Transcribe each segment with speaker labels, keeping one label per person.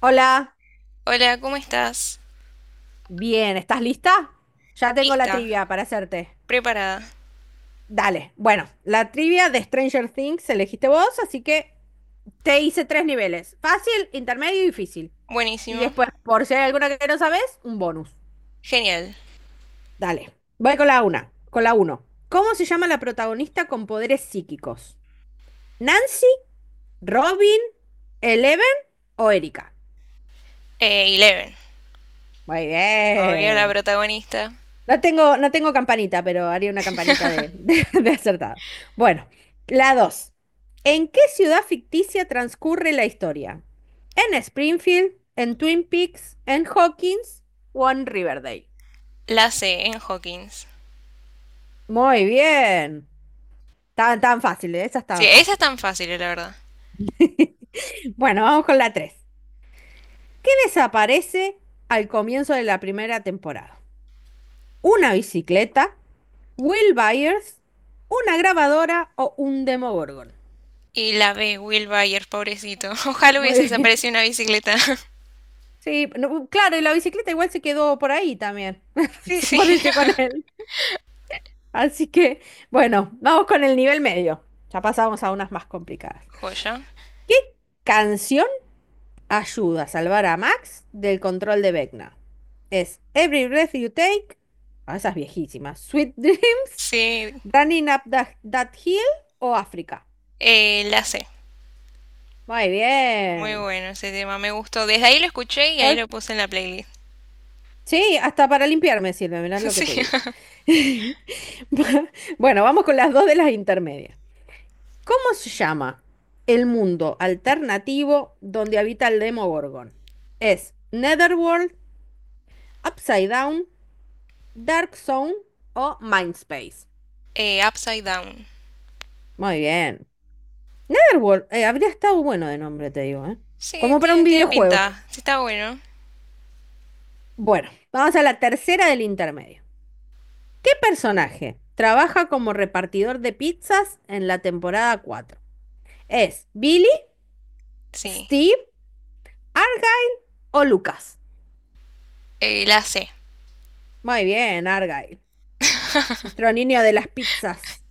Speaker 1: Hola,
Speaker 2: Hola, ¿cómo estás?
Speaker 1: bien, ¿estás lista? Ya tengo la
Speaker 2: Lista,
Speaker 1: trivia para hacerte.
Speaker 2: preparada,
Speaker 1: Dale, bueno, la trivia de Stranger Things elegiste vos, así que te hice tres niveles, fácil, intermedio y difícil. Y
Speaker 2: buenísimo,
Speaker 1: después, por si hay alguna que no sabes, un bonus.
Speaker 2: genial.
Speaker 1: Dale, voy con la una, con la uno. ¿Cómo se llama la protagonista con poderes psíquicos? ¿Nancy, Robin, Eleven o Erika?
Speaker 2: Eleven,
Speaker 1: Muy
Speaker 2: obvio la
Speaker 1: bien.
Speaker 2: protagonista.
Speaker 1: No tengo campanita, pero haría una campanita de acertado. Bueno, la dos. ¿En qué ciudad ficticia transcurre la historia? ¿En Springfield, en Twin Peaks, en Hawkins o en Riverdale?
Speaker 2: La C en Hawkins.
Speaker 1: Muy bien. Tan fáciles, esas
Speaker 2: Sí,
Speaker 1: tan
Speaker 2: esa es
Speaker 1: fáciles.
Speaker 2: tan fácil, la verdad.
Speaker 1: Bueno, vamos con la tres. ¿Qué desaparece al comienzo de la primera temporada? ¿Una bicicleta? ¿Will Byers? ¿Una grabadora o un Demogorgon?
Speaker 2: Y la B, Will Byers, pobrecito. Ojalá hubiese
Speaker 1: Muy bien.
Speaker 2: desaparecido una bicicleta.
Speaker 1: Sí, no, claro, y la bicicleta igual se quedó por ahí también.
Speaker 2: Sí,
Speaker 1: Se
Speaker 2: sí.
Speaker 1: pareció con él. Así que, bueno, vamos con el nivel medio. Ya pasamos a unas más complicadas.
Speaker 2: Joya.
Speaker 1: ¿Qué canción ayuda a salvar a Max del control de Vecna? Es Every Breath You Take, ah, esas viejísimas, Sweet Dreams,
Speaker 2: Sí,
Speaker 1: Running Up That Hill o África.
Speaker 2: la C.
Speaker 1: Muy
Speaker 2: Muy
Speaker 1: bien.
Speaker 2: bueno ese tema, me gustó. Desde ahí lo escuché y ahí
Speaker 1: Estoy
Speaker 2: lo puse en la playlist.
Speaker 1: Sí, hasta para limpiarme sirve, mirá lo que te
Speaker 2: Sí.
Speaker 1: digo. Bueno, vamos con las dos de las intermedias. ¿Cómo se llama el mundo alternativo donde habita el Demogorgon? ¿Es Netherworld, Upside Down, Dark Zone o Mindspace?
Speaker 2: Upside Down.
Speaker 1: Muy bien. Netherworld, habría estado bueno de nombre, te digo, ¿eh?
Speaker 2: Sí,
Speaker 1: Como para un
Speaker 2: tiene
Speaker 1: videojuego.
Speaker 2: pinta. Sí, está bueno.
Speaker 1: Bueno, vamos a la tercera del intermedio. ¿Qué personaje trabaja como repartidor de pizzas en la temporada 4? ¿Es Billy,
Speaker 2: Sí.
Speaker 1: Steve, Argyle o Lucas?
Speaker 2: La C.
Speaker 1: Muy bien, Argyle. Nuestro niño de las pizzas.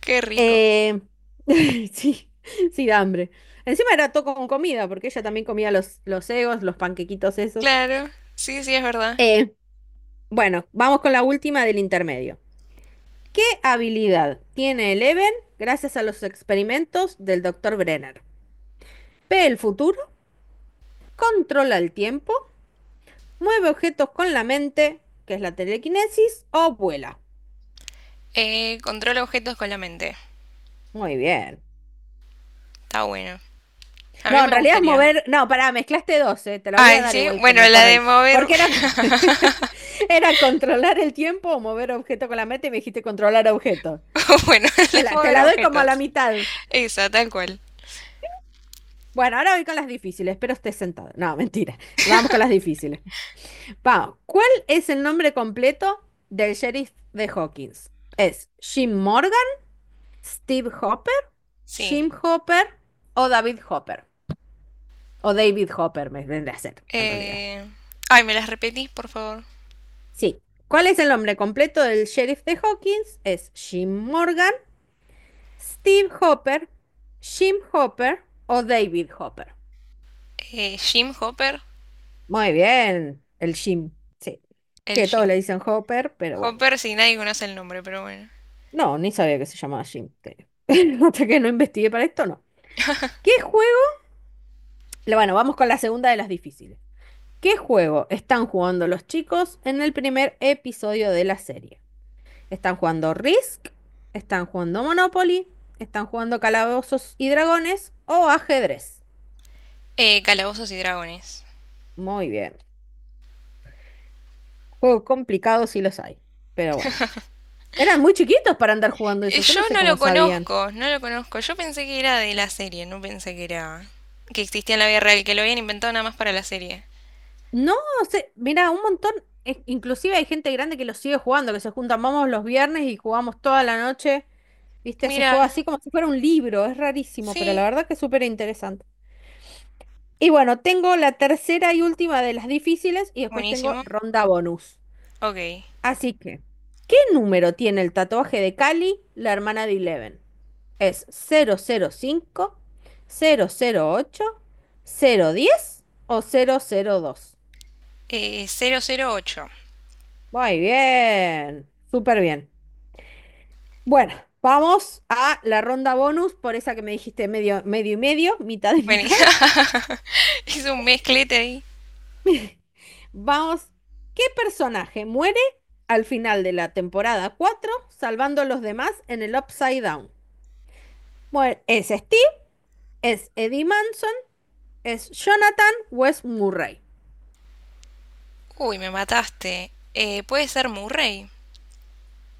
Speaker 2: Qué rico.
Speaker 1: Eh, sí, sí, da hambre. Encima era todo con comida, porque ella también comía los egos, los panquequitos esos.
Speaker 2: Claro, sí, sí, es verdad.
Speaker 1: Eh, bueno, vamos con la última del intermedio. ¿Qué habilidad tiene Eleven gracias a los experimentos del doctor Brenner? Ve el futuro, controla el tiempo, mueve objetos con la mente, que es la telequinesis, o vuela.
Speaker 2: Controla objetos con la mente.
Speaker 1: Muy bien.
Speaker 2: Está bueno. A mí
Speaker 1: No, en
Speaker 2: me
Speaker 1: realidad es
Speaker 2: gustaría.
Speaker 1: mover. No, pará, mezclaste dos, te la voy a
Speaker 2: Ay,
Speaker 1: dar
Speaker 2: sí,
Speaker 1: igual
Speaker 2: bueno,
Speaker 1: como correcto. Porque era, era controlar el tiempo o mover objeto con la meta y me dijiste controlar objeto.
Speaker 2: bueno, la
Speaker 1: Te
Speaker 2: de
Speaker 1: la, te
Speaker 2: mover
Speaker 1: la doy como a la
Speaker 2: objetos.
Speaker 1: mitad.
Speaker 2: Esa, tal cual.
Speaker 1: Bueno, ahora voy con las difíciles. Espero estés sentado. No, mentira. Vamos con las difíciles. Vamos. ¿Cuál es el nombre completo del sheriff de Hawkins? ¿Es Jim Morgan, Steve Hopper, Jim
Speaker 2: Sí.
Speaker 1: Hopper o David Hopper? O David Hopper, me vendría a ser, en realidad.
Speaker 2: Eh, Ay, ¿me las repetís, por favor?
Speaker 1: Sí. ¿Cuál es el nombre completo del sheriff de Hawkins? ¿Es Jim Morgan, Steve Hopper, Jim Hopper o David Hopper?
Speaker 2: Jim Hopper.
Speaker 1: Muy bien, el Jim. Sí.
Speaker 2: El
Speaker 1: Que todos le
Speaker 2: Jim.
Speaker 1: dicen Hopper, pero bueno.
Speaker 2: Hopper, si nadie conoce el nombre, pero bueno.
Speaker 1: No, ni sabía que se llamaba Jim. Hasta que no investigué para esto, no. ¿Qué juego? Bueno, vamos con la segunda de las difíciles. ¿Qué juego están jugando los chicos en el primer episodio de la serie? Están jugando Risk, están jugando Monopoly, están jugando Calabozos y Dragones o ajedrez.
Speaker 2: Calabozos y Dragones.
Speaker 1: Muy bien. Juegos complicados sí los hay, pero bueno. Eran muy chiquitos para andar jugando eso, yo
Speaker 2: Yo
Speaker 1: no sé
Speaker 2: no
Speaker 1: cómo
Speaker 2: lo
Speaker 1: sabían.
Speaker 2: conozco, no lo conozco. Yo pensé que era de la serie, no pensé que existía en la vida real, que lo habían inventado nada más para la serie.
Speaker 1: No sé, mira, un montón, inclusive hay gente grande que lo sigue jugando, que se juntan, vamos los viernes y jugamos toda la noche. ¿Viste? Se
Speaker 2: Mira,
Speaker 1: juega así como si fuera un libro, es rarísimo, pero la
Speaker 2: sí.
Speaker 1: verdad que es súper interesante. Y bueno, tengo la tercera y última de las difíciles y después tengo
Speaker 2: Buenísimo.
Speaker 1: ronda bonus.
Speaker 2: Ok.
Speaker 1: Así que, ¿qué número tiene el tatuaje de Cali, la hermana de Eleven? ¿Es cero cero cinco, cero cero cinco ocho cero diez o cero cero dos?
Speaker 2: 008.
Speaker 1: Muy bien, súper bien. Bueno, vamos a la ronda bonus, por esa que me dijiste medio, medio y medio, mitad y mitad.
Speaker 2: Vení. Hice un mezclete ahí.
Speaker 1: Vamos, ¿qué personaje muere al final de la temporada 4 salvando a los demás en el Upside Down? Bueno, ¿es Steve? ¿Es Eddie Manson? ¿Es Jonathan o es Murray?
Speaker 2: Uy, me mataste. Puede ser Murray.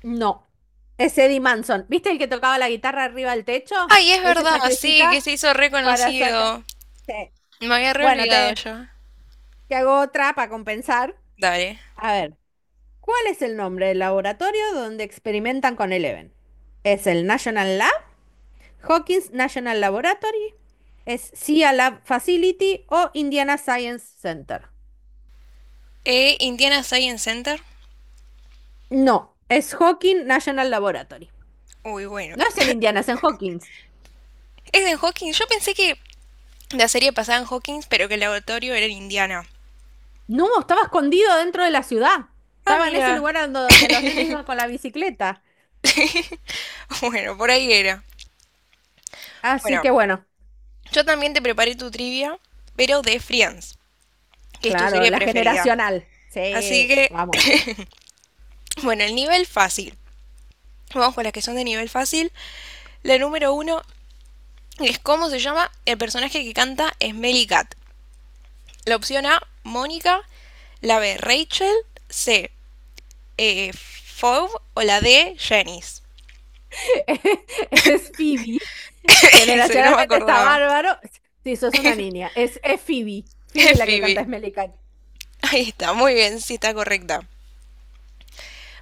Speaker 1: No, es Eddie Manson. ¿Viste el que tocaba la guitarra arriba del techo?
Speaker 2: Ay, es
Speaker 1: Él se
Speaker 2: verdad, sí, que
Speaker 1: sacrifica
Speaker 2: se hizo
Speaker 1: para sacar.
Speaker 2: reconocido.
Speaker 1: Sí.
Speaker 2: Me había re
Speaker 1: Bueno,
Speaker 2: olvidado yo.
Speaker 1: te hago otra para compensar.
Speaker 2: Dale.
Speaker 1: A ver, ¿cuál es el nombre del laboratorio donde experimentan con Eleven? ¿Es el National Lab? ¿Hawkins National Laboratory? ¿Es CIA Lab Facility o Indiana Science Center?
Speaker 2: Indiana Science Center.
Speaker 1: No, es Hawkins National Laboratory.
Speaker 2: Uy, bueno.
Speaker 1: No es en Indiana, es en Hawkins.
Speaker 2: Es en Hawkins. Yo pensé que la serie pasaba en Hawkins, pero que el laboratorio era en Indiana.
Speaker 1: No, estaba escondido dentro de la ciudad.
Speaker 2: Ah,
Speaker 1: Estaba en ese
Speaker 2: mira.
Speaker 1: lugar donde los nenes iban con la bicicleta.
Speaker 2: Bueno, por ahí era.
Speaker 1: Así
Speaker 2: Bueno,
Speaker 1: que bueno,
Speaker 2: yo también te preparé tu trivia, pero de Friends, que es tu
Speaker 1: claro,
Speaker 2: serie
Speaker 1: la
Speaker 2: preferida.
Speaker 1: generacional.
Speaker 2: Así
Speaker 1: Sí,
Speaker 2: que
Speaker 1: vamos.
Speaker 2: bueno, el nivel fácil. Vamos con las que son de nivel fácil. La número uno es cómo se llama el personaje que canta Smelly Cat. La opción A, Mónica. La B, Rachel. C, Fove. O la D, Janice.
Speaker 1: Es Phoebe.
Speaker 2: Ese no me
Speaker 1: Generacionalmente está
Speaker 2: acordaba.
Speaker 1: bárbaro. Sí, sos una niña. Es Phoebe. Phoebe
Speaker 2: Es
Speaker 1: la que
Speaker 2: Phoebe.
Speaker 1: canta Smelly Cat.
Speaker 2: Ahí está, muy bien, sí está correcta.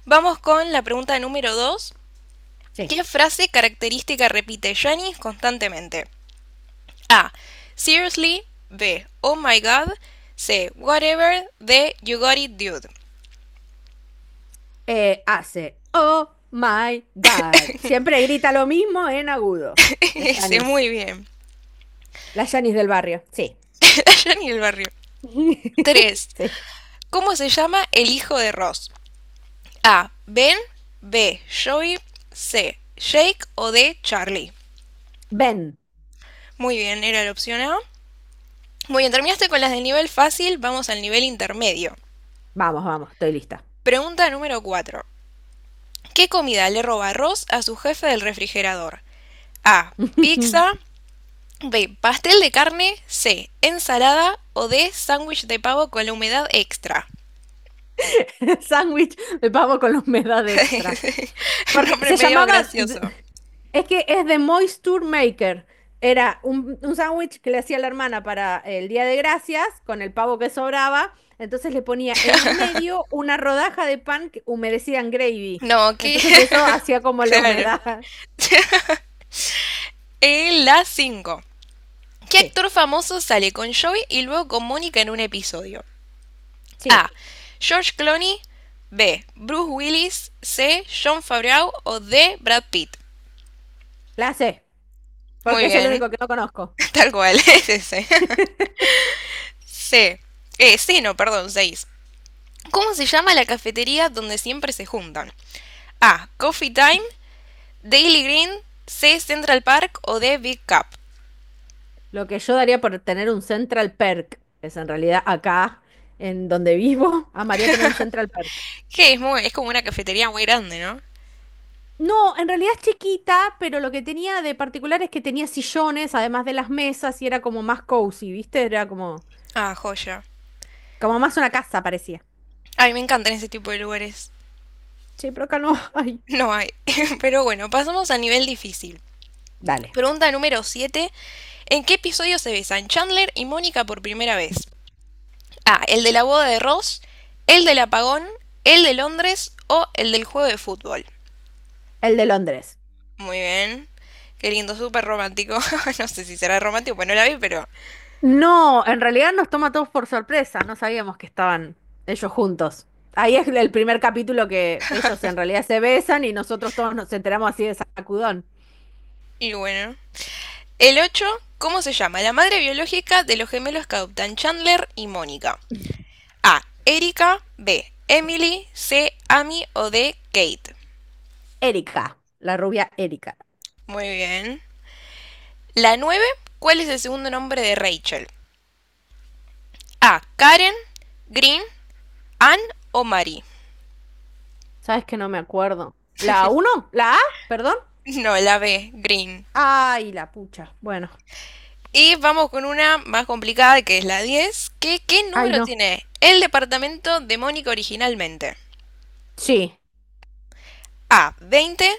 Speaker 2: Vamos con la pregunta número 2.
Speaker 1: Sí.
Speaker 2: ¿Qué frase característica repite Janice constantemente? A. Seriously. B. Oh my god. C. Whatever. D. You got it, dude.
Speaker 1: Oh my God. Siempre grita lo mismo en agudo. La
Speaker 2: Ese,
Speaker 1: Janice.
Speaker 2: muy bien.
Speaker 1: La Janice del barrio. Sí.
Speaker 2: Allá ni el barrio. 3.
Speaker 1: Sí.
Speaker 2: ¿Cómo se llama el hijo de Ross? A. Ben. B. Joey. C. Jake o D. Charlie.
Speaker 1: Ven.
Speaker 2: Muy bien, era la opción A. Muy bien, terminaste con las del nivel fácil, vamos al nivel intermedio.
Speaker 1: Vamos, vamos, estoy lista.
Speaker 2: Pregunta número 4. ¿Qué comida le roba Ross a su jefe del refrigerador? A. Pizza. B. Pastel de carne. C. Ensalada. O D. Sándwich de pavo con la humedad extra.
Speaker 1: Sándwich de pavo con la humedad extra. Porque
Speaker 2: Nombre
Speaker 1: se
Speaker 2: medio
Speaker 1: llamaba,
Speaker 2: gracioso.
Speaker 1: es que es de Moisture Maker. Era un sándwich que le hacía la hermana para el Día de Gracias con el pavo que sobraba. Entonces le ponía en el medio una rodaja de pan humedecida en gravy.
Speaker 2: No, qué.
Speaker 1: Entonces eso hacía como la
Speaker 2: Claro.
Speaker 1: humedad.
Speaker 2: La 5. ¿Qué
Speaker 1: Sí,
Speaker 2: actor famoso sale con Joey y luego con Mónica en un episodio? A.
Speaker 1: sí,
Speaker 2: George Clooney. B. Bruce Willis. C. John Favreau. O D. Brad Pitt.
Speaker 1: la sé,
Speaker 2: Muy
Speaker 1: porque es el
Speaker 2: bien.
Speaker 1: único que no conozco.
Speaker 2: Tal cual. Es ese. C. Sí, no, perdón, 6. ¿Cómo se llama la cafetería donde siempre se juntan? A. Coffee Time, Daily Green, C. Central Park o D. Big Cup.
Speaker 1: Lo que yo daría por tener un Central Perk, es en realidad acá en donde vivo, amaría tener un Central Perk.
Speaker 2: Que es como una cafetería muy grande, ¿no?
Speaker 1: No, en realidad es chiquita, pero lo que tenía de particular es que tenía sillones, además de las mesas, y era como más cozy, ¿viste? Era como,
Speaker 2: Ah, joya.
Speaker 1: como más una casa, parecía.
Speaker 2: Ay, me encantan ese tipo de lugares.
Speaker 1: Sí, pero acá no hay.
Speaker 2: No hay. Pero bueno, pasamos a nivel difícil.
Speaker 1: Dale,
Speaker 2: Pregunta número 7. ¿En qué episodio se besan Chandler y Mónica por primera vez? A. El de la boda de Ross, el del apagón, el de Londres o el del juego de fútbol.
Speaker 1: el de Londres.
Speaker 2: Muy bien. Qué lindo, súper romántico. No sé si será romántico, pues no la vi, pero.
Speaker 1: No, en realidad nos toma a todos por sorpresa, no sabíamos que estaban ellos juntos. Ahí es el primer capítulo que ellos en realidad se besan y nosotros todos nos enteramos así de sacudón.
Speaker 2: Y bueno. El 8, ¿cómo se llama la madre biológica de los gemelos que adoptan Chandler y Mónica? A. Erika. B. Emily. C. Amy o D. Kate.
Speaker 1: Erika, la rubia Erika.
Speaker 2: Muy bien. La 9, ¿cuál es el segundo nombre de Rachel? A. Karen. Green. Ann o Mary.
Speaker 1: ¿Sabes que no me acuerdo? ¿La uno, ¿la A? ¿Perdón?
Speaker 2: No, la B. Green.
Speaker 1: Ay, la pucha. Bueno.
Speaker 2: Y vamos con una más complicada que es la 10. ¿Qué
Speaker 1: Ay,
Speaker 2: número
Speaker 1: no.
Speaker 2: tiene el departamento de Mónica originalmente?
Speaker 1: Sí.
Speaker 2: A. 20,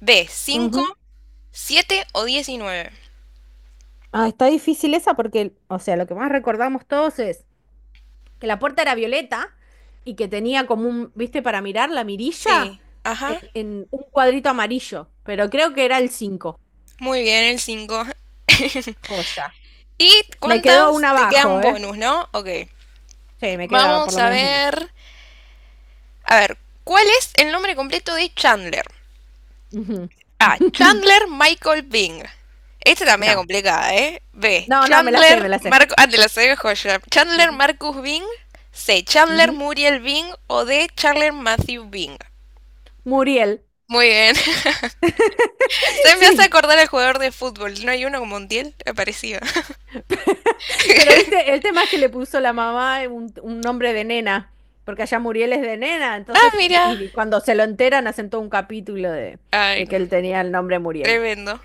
Speaker 2: B. Cinco,
Speaker 1: Ujú.
Speaker 2: 7 o 19.
Speaker 1: Ah, está difícil esa porque, o sea, lo que más recordamos todos es que la puerta era violeta y que tenía como un, viste, para mirar la mirilla
Speaker 2: Sí, ajá.
Speaker 1: en un cuadrito amarillo, pero creo que era el 5.
Speaker 2: Muy bien, el 5.
Speaker 1: Joya.
Speaker 2: ¿Y
Speaker 1: Me quedó
Speaker 2: cuántas
Speaker 1: una
Speaker 2: te quedan
Speaker 1: abajo, ¿eh?
Speaker 2: bonus, no? Ok.
Speaker 1: Sí, me queda por
Speaker 2: Vamos
Speaker 1: lo
Speaker 2: a
Speaker 1: menos una.
Speaker 2: ver. A ver, ¿cuál es el nombre completo de Chandler?
Speaker 1: Ujú.
Speaker 2: A. Chandler Michael Bing. Esta está medio
Speaker 1: No.
Speaker 2: complicada, ¿eh? B.
Speaker 1: No, no, me la sé, me
Speaker 2: Chandler
Speaker 1: la sé.
Speaker 2: Marcus. Ah, te la sabía joya. Chandler
Speaker 1: Ujú.
Speaker 2: Marcus Bing. C. Chandler
Speaker 1: Ujú.
Speaker 2: Muriel Bing. O D. Chandler Matthew Bing.
Speaker 1: Muriel.
Speaker 2: Muy bien. Se me hace
Speaker 1: Sí.
Speaker 2: acordar al jugador de fútbol. ¿No hay uno como Montiel? Me parecía.
Speaker 1: Pero viste, el tema es que le puso la mamá un nombre de nena, porque allá Muriel es de nena,
Speaker 2: Ah,
Speaker 1: entonces,
Speaker 2: mira.
Speaker 1: y cuando se lo enteran, hacen todo un capítulo
Speaker 2: Ay,
Speaker 1: de
Speaker 2: no.
Speaker 1: que él tenía el nombre Muriel.
Speaker 2: Tremendo.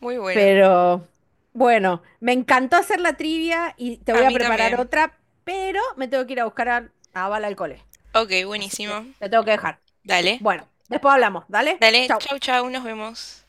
Speaker 2: Muy bueno.
Speaker 1: Pero bueno, me encantó hacer la trivia y te
Speaker 2: A
Speaker 1: voy a
Speaker 2: mí
Speaker 1: preparar
Speaker 2: también.
Speaker 1: otra, pero me tengo que ir a buscar a Bala al cole.
Speaker 2: Ok,
Speaker 1: Así que
Speaker 2: buenísimo.
Speaker 1: te tengo que dejar.
Speaker 2: Dale.
Speaker 1: Bueno, después hablamos, ¿dale?
Speaker 2: Dale.
Speaker 1: Chau.
Speaker 2: Chau, chau. Nos vemos.